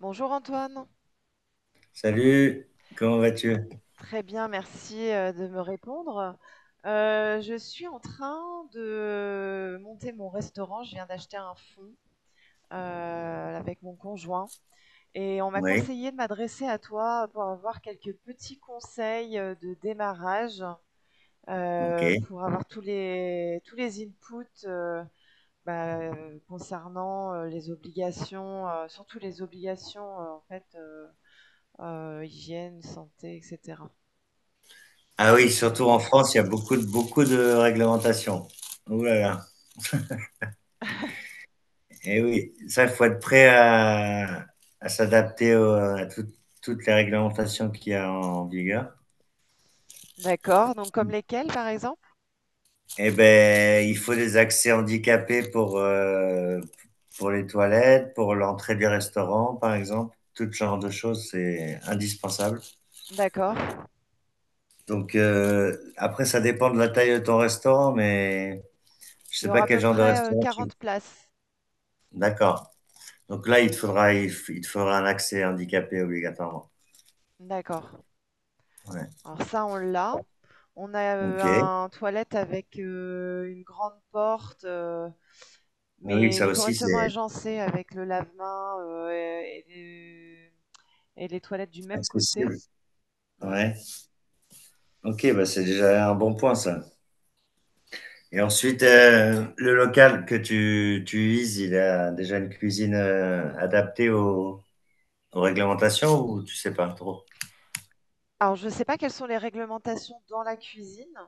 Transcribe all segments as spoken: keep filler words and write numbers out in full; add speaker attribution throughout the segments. Speaker 1: Bonjour Antoine.
Speaker 2: Salut, comment vas-tu?
Speaker 1: Très bien, merci euh, de me répondre. Euh, je suis en train de monter mon restaurant. Je viens d'acheter un fonds euh, avec mon conjoint et on m'a
Speaker 2: Oui,
Speaker 1: conseillé de m'adresser à toi pour avoir quelques petits conseils euh, de démarrage,
Speaker 2: ok.
Speaker 1: euh, pour avoir tous les, tous les inputs euh, bah, euh, concernant euh, les obligations, euh, surtout les obligations euh, en fait, euh, euh, hygiène, santé, et cetera.
Speaker 2: Ah oui, surtout en
Speaker 1: Sécurité.
Speaker 2: France, il y a beaucoup de, beaucoup de réglementations. Ouh là là. Eh oui, ça, il faut être prêt à, à s'adapter au- à tout- toutes les réglementations qu'il y a en vigueur.
Speaker 1: D'accord, donc comme lesquels par exemple?
Speaker 2: Eh ben, il faut des accès handicapés pour, euh, pour les toilettes, pour l'entrée des restaurants, par exemple. Tout ce genre de choses, c'est indispensable.
Speaker 1: D'accord.
Speaker 2: Donc, euh, après, ça dépend de la taille de ton restaurant, mais je
Speaker 1: Il
Speaker 2: sais
Speaker 1: y
Speaker 2: pas
Speaker 1: aura à
Speaker 2: quel
Speaker 1: peu
Speaker 2: genre de
Speaker 1: près euh,
Speaker 2: restaurant tu...
Speaker 1: quarante places.
Speaker 2: D'accord. Donc là, il te faudra, il, f- il te faudra un accès handicapé obligatoirement.
Speaker 1: D'accord.
Speaker 2: Ouais.
Speaker 1: Alors ça, on l'a. On a euh,
Speaker 2: Ok.
Speaker 1: un toilette avec euh, une grande porte, euh,
Speaker 2: Oui,
Speaker 1: mais il
Speaker 2: ça
Speaker 1: est
Speaker 2: aussi,
Speaker 1: correctement
Speaker 2: c'est
Speaker 1: agencé avec le lave-main euh, et, et les et les toilettes du même côté.
Speaker 2: accessible.
Speaker 1: Ouais.
Speaker 2: Ouais. Ok, bah c'est déjà un bon point, ça. Et ensuite, euh, le local que tu, tu vises, il a déjà une cuisine euh, adaptée aux, aux réglementations ou tu sais pas trop?
Speaker 1: Alors je ne sais pas quelles sont les réglementations dans la cuisine,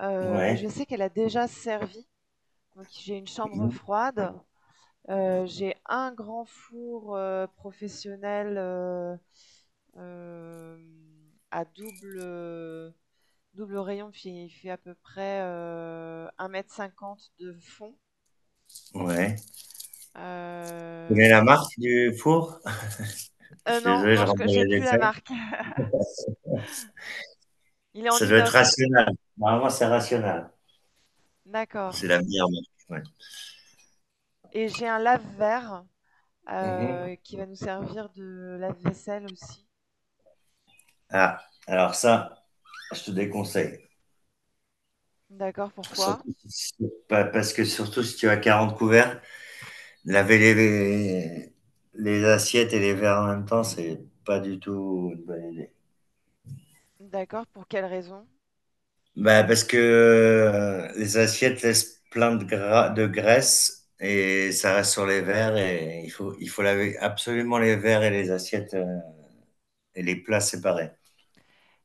Speaker 1: euh, mais je
Speaker 2: Ouais.
Speaker 1: sais qu'elle a déjà servi. Donc j'ai une chambre
Speaker 2: Mhm.
Speaker 1: froide. Euh, j'ai un grand four euh, professionnel euh, euh, à double, euh, double rayon. Puis il fait à peu près euh, un mètre cinquante de fond.
Speaker 2: Ouais. Tu connais la
Speaker 1: Euh,
Speaker 2: marque du four? Je
Speaker 1: euh,
Speaker 2: suis
Speaker 1: non,
Speaker 2: désolé, je
Speaker 1: non, je
Speaker 2: rentre
Speaker 1: co-
Speaker 2: dans
Speaker 1: j'ai
Speaker 2: les
Speaker 1: plus la
Speaker 2: détails.
Speaker 1: marque. Il est en
Speaker 2: Ça doit être
Speaker 1: inox.
Speaker 2: rationnel. Normalement, c'est rationnel.
Speaker 1: D'accord.
Speaker 2: C'est la meilleure marque, ouais.
Speaker 1: Et j'ai un lave-verre
Speaker 2: Mhm.
Speaker 1: euh, qui va nous servir de lave-vaisselle aussi.
Speaker 2: Ah, alors ça, je te déconseille.
Speaker 1: D'accord, pourquoi?
Speaker 2: Surtout si- parce que surtout si tu as quarante couverts, laver les, les assiettes et les verres en même temps, c'est pas du tout une bonne idée.
Speaker 1: D'accord, pour quelle raison?
Speaker 2: Bah, parce que euh, les assiettes laissent plein de, gras, de graisse et ça reste sur les verres et il faut, il faut laver absolument les verres et les assiettes euh, et les plats séparés.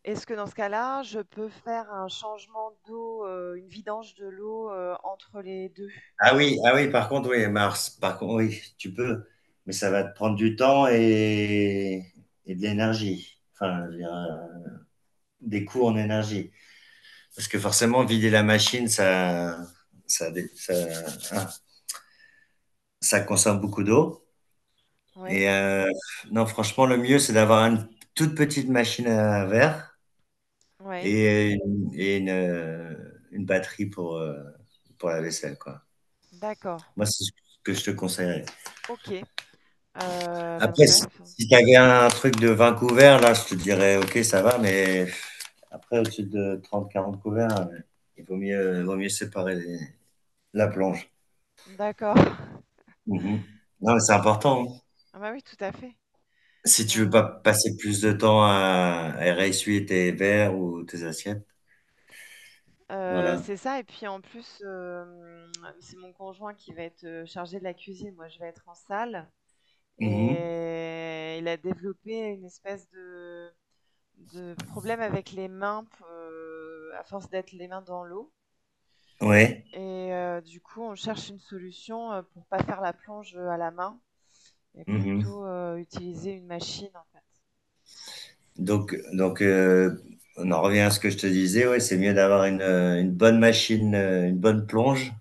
Speaker 1: Est-ce que dans ce cas-là, je peux faire un changement d'eau, heu, une vidange de l'eau, heu, entre les deux?
Speaker 2: Ah oui, ah oui, par contre, oui, Mars, par contre, oui, tu peux, mais ça va te prendre du temps et, et de l'énergie. Enfin, je veux dire, euh, des coûts en énergie. Parce que forcément, vider la machine, ça, ça, dé- ça, hein, ça consomme beaucoup d'eau.
Speaker 1: Oui,
Speaker 2: Et euh, non, franchement, le mieux, c'est d'avoir une toute petite machine à verre
Speaker 1: oui.
Speaker 2: et, une, et une, euh, une batterie pour, euh, pour la vaisselle, quoi.
Speaker 1: D'accord.
Speaker 2: Moi, c'est ce que je te conseillerais.
Speaker 1: OK. Heu, bah, dans ce
Speaker 2: Après, si
Speaker 1: cas-là, faut
Speaker 2: si t'avais un truc de vingt couverts, là, je te dirais, ok, ça va, mais après, au-dessus de trente à quarante couverts, euh, il vaut mieux, il vaut mieux séparer les- la plonge.
Speaker 1: d'accord.
Speaker 2: Mhm. Non, mais c'est
Speaker 1: OK.
Speaker 2: important, hein.
Speaker 1: Ah bah, oui, tout à fait.
Speaker 2: Si tu veux pas
Speaker 1: Heu
Speaker 2: passer plus de temps à, à réessuyer tes verres ou tes assiettes.
Speaker 1: Heu,
Speaker 2: Voilà.
Speaker 1: c'est ça et puis en plus, hem, c'est mon conjoint qui va être, heu, chargé de la cuisine. Moi, je vais être en salle
Speaker 2: Mhm.
Speaker 1: et il a développé une espèce de de problème avec les mains p euh, à force d'être les mains dans l'eau.
Speaker 2: Ouais.
Speaker 1: Et euh, du coup, on cherche une solution euh, pour pas faire la plonge à la main et
Speaker 2: Mhm.
Speaker 1: plutôt euh, utiliser une machine en fait.
Speaker 2: Donc, donc euh, on en revient à ce que je te disais. Ouais, c'est mieux d'avoir une, euh, une bonne machine, euh, une bonne plonge,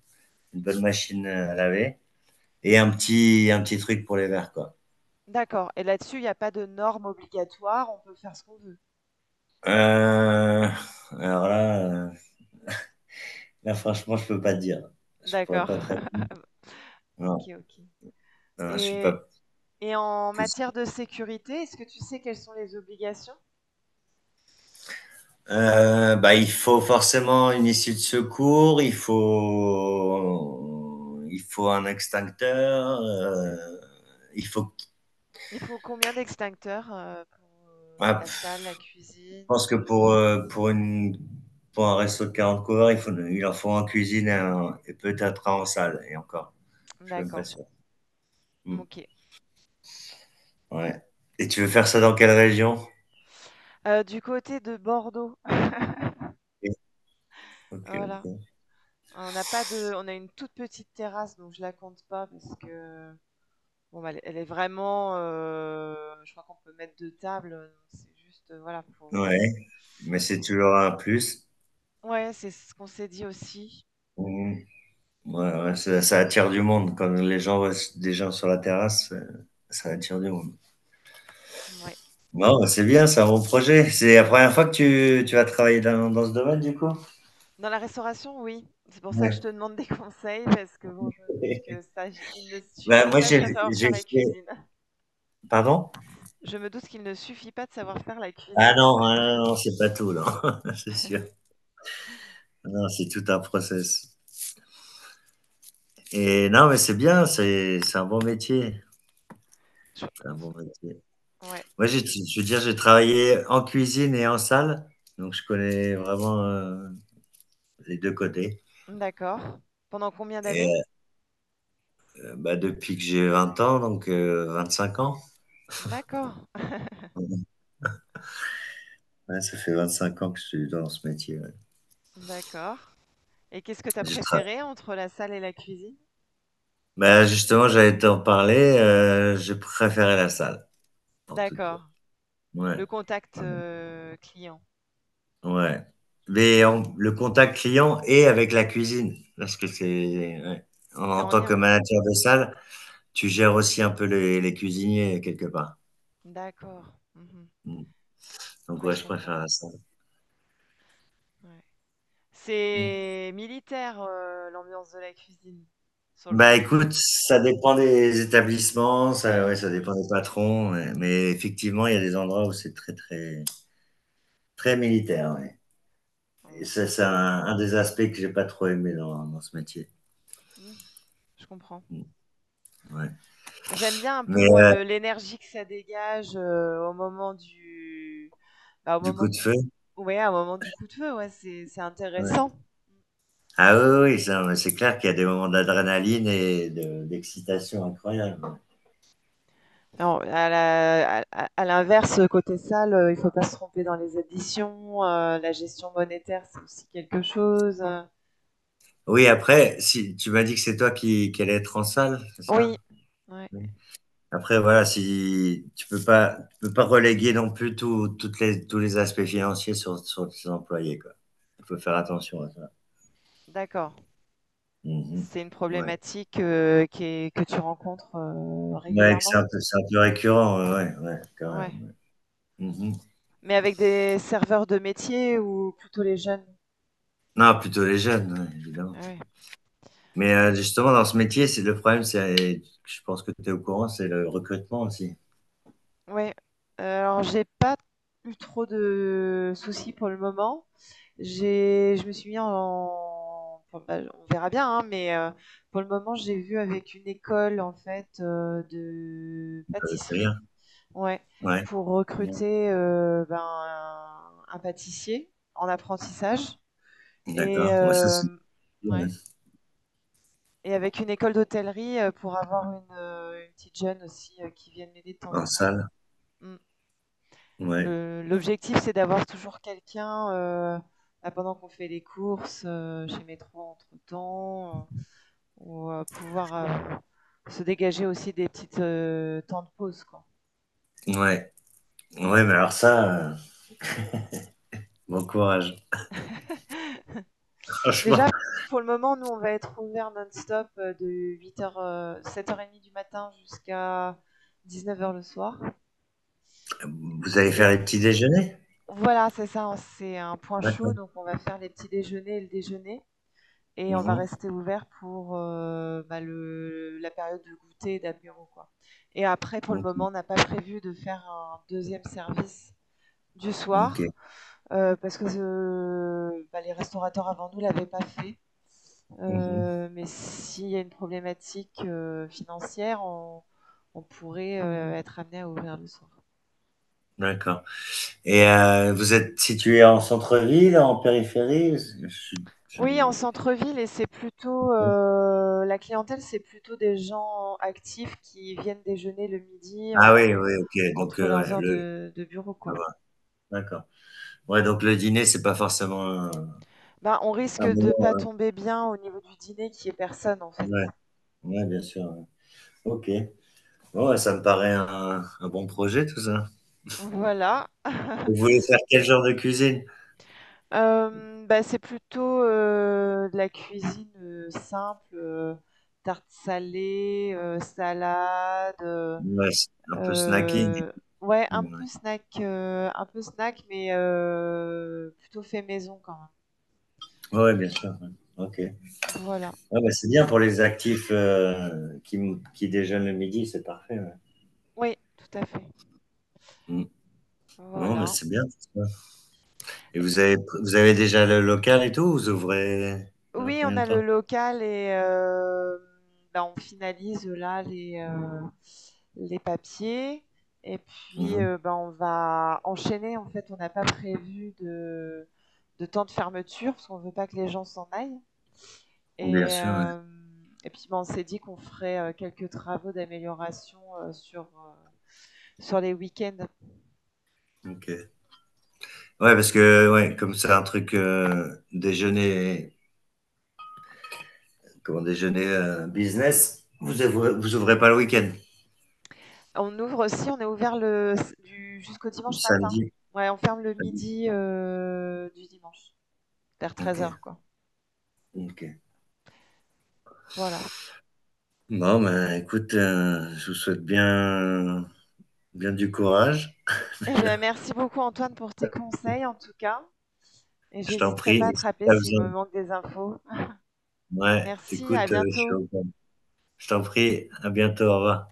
Speaker 2: une bonne machine euh, à laver. Et un petit, un petit truc pour les verts, quoi.
Speaker 1: D'accord. Et là-dessus, il n'y a pas de normes obligatoires, on peut faire ce qu'on veut.
Speaker 2: Euh, alors là, euh, là, franchement, je peux pas te dire. Je pourrais
Speaker 1: D'accord.
Speaker 2: pas très.
Speaker 1: Ok,
Speaker 2: Non,
Speaker 1: ok.
Speaker 2: non, je suis
Speaker 1: Et,
Speaker 2: pas
Speaker 1: et en
Speaker 2: poussé.
Speaker 1: matière de sécurité, est-ce que tu sais quelles sont les obligations?
Speaker 2: Euh, bah, il faut forcément une issue de secours, il faut, il faut un extincteur, euh, il faut.
Speaker 1: Il faut combien d'extincteurs euh, pour euh,
Speaker 2: Ah,
Speaker 1: la
Speaker 2: je
Speaker 1: salle, la cuisine?
Speaker 2: pense que pour, euh, pour une, pour un resto de quarante couverts, il faut, il en faut en cuisine et, un- et peut-être un en salle, et encore. Je suis même pas
Speaker 1: D'accord,
Speaker 2: sûr. Hmm.
Speaker 1: ok.
Speaker 2: Ouais. Et tu veux faire ça dans quelle région?
Speaker 1: Euh, du côté de Bordeaux.
Speaker 2: OK,
Speaker 1: Voilà.
Speaker 2: OK.
Speaker 1: On n'a pas de, on a une toute petite terrasse, donc je la compte pas parce que bon, bah, elle elle est vraiment, euh, je crois qu'on peut mettre deux tables, donc c'est juste euh, voilà pour. euh,
Speaker 2: Ouais, mais c'est toujours un plus.
Speaker 1: Ouais, c'est ce qu'on s'est dit aussi.
Speaker 2: Mmh. Ouais, ouais, ça ça attire du monde quand les gens voient des gens sur la terrasse, heu, ça attire du monde.
Speaker 1: Ouais.
Speaker 2: Non, bah, c'est bien, c'est un bon projet. C'est la première fois que tu tu vas travailler dans dans ce domaine du coup?
Speaker 1: Dans la restauration, oui. C'est pour ça que je
Speaker 2: Ouais.
Speaker 1: te demande des conseils parce que bon, je me doute que ça, j- il ne
Speaker 2: Bah,
Speaker 1: suffit
Speaker 2: moi
Speaker 1: pas de
Speaker 2: j'ai
Speaker 1: faire savoir
Speaker 2: j'ai
Speaker 1: faire la
Speaker 2: fait,
Speaker 1: cuisine.
Speaker 2: pardon?
Speaker 1: Je me doute qu'il ne suffit pas de savoir faire la
Speaker 2: Ah
Speaker 1: cuisine.
Speaker 2: non, ah non, non, c'est pas tout, là. C'est sûr. Non, c'est tout un process et non, mais c'est bien, c'est c'est un bon métier,
Speaker 1: Je-
Speaker 2: c'est un
Speaker 1: euh,
Speaker 2: bon métier.
Speaker 1: Ouais.
Speaker 2: Moi, j'ai, je veux dire, j'ai travaillé en cuisine et en salle, donc je connais vraiment euh, les deux côtés.
Speaker 1: D'accord. Pendant combien d'années?
Speaker 2: Et euh, bah, depuis que j'ai vingt ans, donc euh, vingt-cinq ans.
Speaker 1: D'accord.
Speaker 2: Ouais, ça fait vingt-cinq ans que je suis dans ce métier, ouais.
Speaker 1: D'accord. Et qu'est-ce que tu as
Speaker 2: J'ai tra-
Speaker 1: préféré entre la salle et la cuisine?
Speaker 2: Bah, justement, j'allais t'en parler, euh, j'ai préféré la salle, pour tout dire.
Speaker 1: D'accord.
Speaker 2: Ouais,
Speaker 1: Le contact euh, client.
Speaker 2: ouais. Mais on- le contact client et avec la cuisine, parce que c'est... ouais. En,
Speaker 1: C'est
Speaker 2: en
Speaker 1: en
Speaker 2: tant que
Speaker 1: lien.
Speaker 2: manager de salle, tu gères aussi un peu les, les cuisiniers quelque part.
Speaker 1: D'accord. Mhm.
Speaker 2: Mm. Donc
Speaker 1: Ouais,
Speaker 2: ouais,
Speaker 1: je
Speaker 2: je
Speaker 1: comprends.
Speaker 2: préfère ça.
Speaker 1: Ouais.
Speaker 2: Mm.
Speaker 1: C'est militaire, euh, l'ambiance de la cuisine. Sur le coup
Speaker 2: Bah
Speaker 1: de
Speaker 2: écoute,
Speaker 1: feu.
Speaker 2: ça dépend des établissements, ça, ouais, ça dépend des patrons, ouais. Mais effectivement, il y a des endroits où c'est très très très militaire, ouais. Et
Speaker 1: Donc,
Speaker 2: ça,
Speaker 1: euh,
Speaker 2: c'est un, un des aspects que j'ai pas trop aimé dans, dans ce métier.
Speaker 1: hmm, je comprends.
Speaker 2: Mm, ouais.
Speaker 1: J'aime bien un peu,
Speaker 2: Mais
Speaker 1: moi,
Speaker 2: euh,
Speaker 1: le- l'énergie que ça dégage, euh, au moment du... bah, au
Speaker 2: du
Speaker 1: moment
Speaker 2: coup de feu,
Speaker 1: du... Ouais, au moment du coup de feu, ouais, c'est c'est
Speaker 2: ouais.
Speaker 1: intéressant.
Speaker 2: Ah oui, oui, oui, ça, mais c'est clair qu'il y a des moments d'adrénaline et de- d'excitation incroyable, ouais.
Speaker 1: Alors, à la- à- à- à l'inverse, côté salle, euh, il faut pas se tromper dans les additions. Euh, la gestion monétaire, c'est aussi quelque chose. euh.
Speaker 2: Oui, après, si tu m'as dit que c'est toi qui, qui allais être en salle, c'est ça?
Speaker 1: Oui, ouais,
Speaker 2: Après, voilà, si tu peux pas, tu peux pas reléguer non plus tout- toutes les, tous les aspects financiers sur, sur tes employés, quoi. Il faut faire attention à ça.
Speaker 1: d'accord.
Speaker 2: Mhm.
Speaker 1: C'est une
Speaker 2: Ouais.
Speaker 1: problématique euh, qui est- que tu rencontres euh,
Speaker 2: Ouais, que c'est
Speaker 1: régulièrement.
Speaker 2: un peu, c'est un peu récurrent, ouais, ouais, ouais, quand
Speaker 1: Ouais.
Speaker 2: même. Mhm.
Speaker 1: Mais avec des serveurs de métier ou plutôt les jeunes.
Speaker 2: Non, plutôt les jeunes, ouais, évidemment.
Speaker 1: Ah ouais.
Speaker 2: Mais euh, justement, dans ce métier, c'est le problème, c'est, je pense que tu es au courant, c'est le recrutement aussi.
Speaker 1: Ouais. Euh, alors, j'ai pas eu trop de soucis pour le moment. J'ai, je me suis mis en, enfin, bah, on verra bien, hein, mais euh, pour le moment, j'ai vu avec une école en fait euh, de
Speaker 2: Ça veut
Speaker 1: pâtisserie,
Speaker 2: rien.
Speaker 1: ouais,
Speaker 2: Ouais.
Speaker 1: pour
Speaker 2: Mhm.
Speaker 1: recruter euh, ben, un, un pâtissier en apprentissage et
Speaker 2: D'accord. Ouais, ça,
Speaker 1: euh,
Speaker 2: c'est ouais.
Speaker 1: ouais. Et avec une école d'hôtellerie euh, pour avoir une, euh, une petite jeune aussi euh, qui vienne m'aider de temps
Speaker 2: En
Speaker 1: en temps.
Speaker 2: salle.
Speaker 1: Mm.
Speaker 2: Ouais.
Speaker 1: Le- l'objectif, c'est d'avoir toujours quelqu'un euh, là, pendant qu'on fait les courses euh, chez Métro entre-temps, euh, ou euh, pouvoir euh, se dégager aussi des petites euh, temps de pause, quoi.
Speaker 2: Ouais. Ouais, mais alors ça, euh, bon courage.
Speaker 1: Déjà,
Speaker 2: Franchement.
Speaker 1: pour le moment, nous, on va être ouvert non-stop euh, de huit heures, sept heures trente du matin jusqu'à dix-neuf heures le soir.
Speaker 2: Vous allez faire
Speaker 1: Et
Speaker 2: les petits déjeuners?
Speaker 1: voilà, c'est ça, hein, c'est un point chaud,
Speaker 2: D'accord.
Speaker 1: donc on va faire les petits déjeuners et le déjeuner. Et on va
Speaker 2: Mmh.
Speaker 1: rester ouvert pour euh, bah, le, la période de goûter et d'apéro, quoi. Et après, pour le
Speaker 2: Mh. Mmh.
Speaker 1: moment, on n'a pas prévu de faire un deuxième service du
Speaker 2: OK.
Speaker 1: soir. euh, parce que euh, bah, les restaurateurs avant nous ne l'avaient pas fait.
Speaker 2: Mmh.
Speaker 1: Euh, mais s'il y a une problématique euh, financière, on, on pourrait euh, être amené à ouvrir le soir.
Speaker 2: D'accord. Et heu, vous êtes situé en centre-ville, en périphérie? Parce je je
Speaker 1: Oui, en
Speaker 2: mmh.
Speaker 1: centre-ville, et c'est plutôt euh, la clientèle, c'est plutôt des gens actifs qui viennent déjeuner le midi
Speaker 2: Ah oui,
Speaker 1: en,
Speaker 2: oui, OK, donc
Speaker 1: entre
Speaker 2: heu,
Speaker 1: leurs
Speaker 2: ouais,
Speaker 1: heures
Speaker 2: le
Speaker 1: de, de bureau,
Speaker 2: je
Speaker 1: quoi.
Speaker 2: vois. D'accord. Ouais, donc le dîner, c'est pas forcément un
Speaker 1: Ben, on risque
Speaker 2: un
Speaker 1: de pas
Speaker 2: moment,
Speaker 1: tomber bien au niveau du dîner qui est personne, en fait.
Speaker 2: ouais, ouais, bien sûr, ouais. OK. Bon, bah, ça me paraît un un bon projet tout ça.
Speaker 1: Voilà.
Speaker 2: Vous voulez faire quel genre de cuisine?
Speaker 1: Euh, bah, c'est plutôt euh, de la cuisine euh, simple, euh, tarte salée, euh, salade, euh,
Speaker 2: Ouais, c'est un peu snacking,
Speaker 1: euh, ouais, un peu
Speaker 2: ouais.
Speaker 1: snack, euh, un peu snack, mais euh, plutôt fait maison quand
Speaker 2: Ouais, ouais, bien sûr, ouais. OK.
Speaker 1: même. Voilà.
Speaker 2: Ah bah, c'est bien pour les actifs euh, qui, m- qui déjeunent le midi, c'est parfait, ouais.
Speaker 1: Oui, tout à fait.
Speaker 2: Mm. Non, mais
Speaker 1: Voilà.
Speaker 2: c'est bien, c'est ça. Et vous avez, vous avez déjà le local et tout? Vous ouvrez dans
Speaker 1: Oui, on
Speaker 2: combien de
Speaker 1: a le
Speaker 2: temps?
Speaker 1: local et euh, ben, on finalise là les, euh, les papiers. Et puis,
Speaker 2: Mhm.
Speaker 1: euh, ben, on va enchaîner. En fait, on n'a pas prévu de, de temps de fermeture parce qu'on ne veut pas que les gens s'en aillent.
Speaker 2: Bien
Speaker 1: Et,
Speaker 2: sûr, ouais.
Speaker 1: euh, et puis, ben, on s'est dit qu'on ferait euh, quelques travaux d'amélioration euh, sur, euh, sur les week-ends.
Speaker 2: Ok. Ouais, parce que ouais, comme c'est un truc euh, déjeuner, comment déjeuner euh, business, vous ouvrez, vous ouvrez pas le week-end,
Speaker 1: On ouvre aussi, on est ouvert le, du, jusqu'au
Speaker 2: le
Speaker 1: dimanche matin.
Speaker 2: samedi.
Speaker 1: Ouais, on ferme le
Speaker 2: Samedi.
Speaker 1: midi euh, du dimanche, vers
Speaker 2: Ok,
Speaker 1: treize heures.
Speaker 2: ok.
Speaker 1: Voilà.
Speaker 2: Bon, ben écoute, euh, je vous souhaite bien, bien du courage.
Speaker 1: Eh bien, merci beaucoup Antoine pour tes conseils en tout cas. Et
Speaker 2: Je t'en
Speaker 1: j'hésiterai
Speaker 2: prie.
Speaker 1: pas à
Speaker 2: Et
Speaker 1: te
Speaker 2: si
Speaker 1: rappeler
Speaker 2: t'as
Speaker 1: s'il
Speaker 2: besoin.
Speaker 1: me manque des infos.
Speaker 2: Ouais,
Speaker 1: Merci, à
Speaker 2: écoute, euh, je suis
Speaker 1: bientôt.
Speaker 2: au- je t'en prie, à bientôt, au revoir.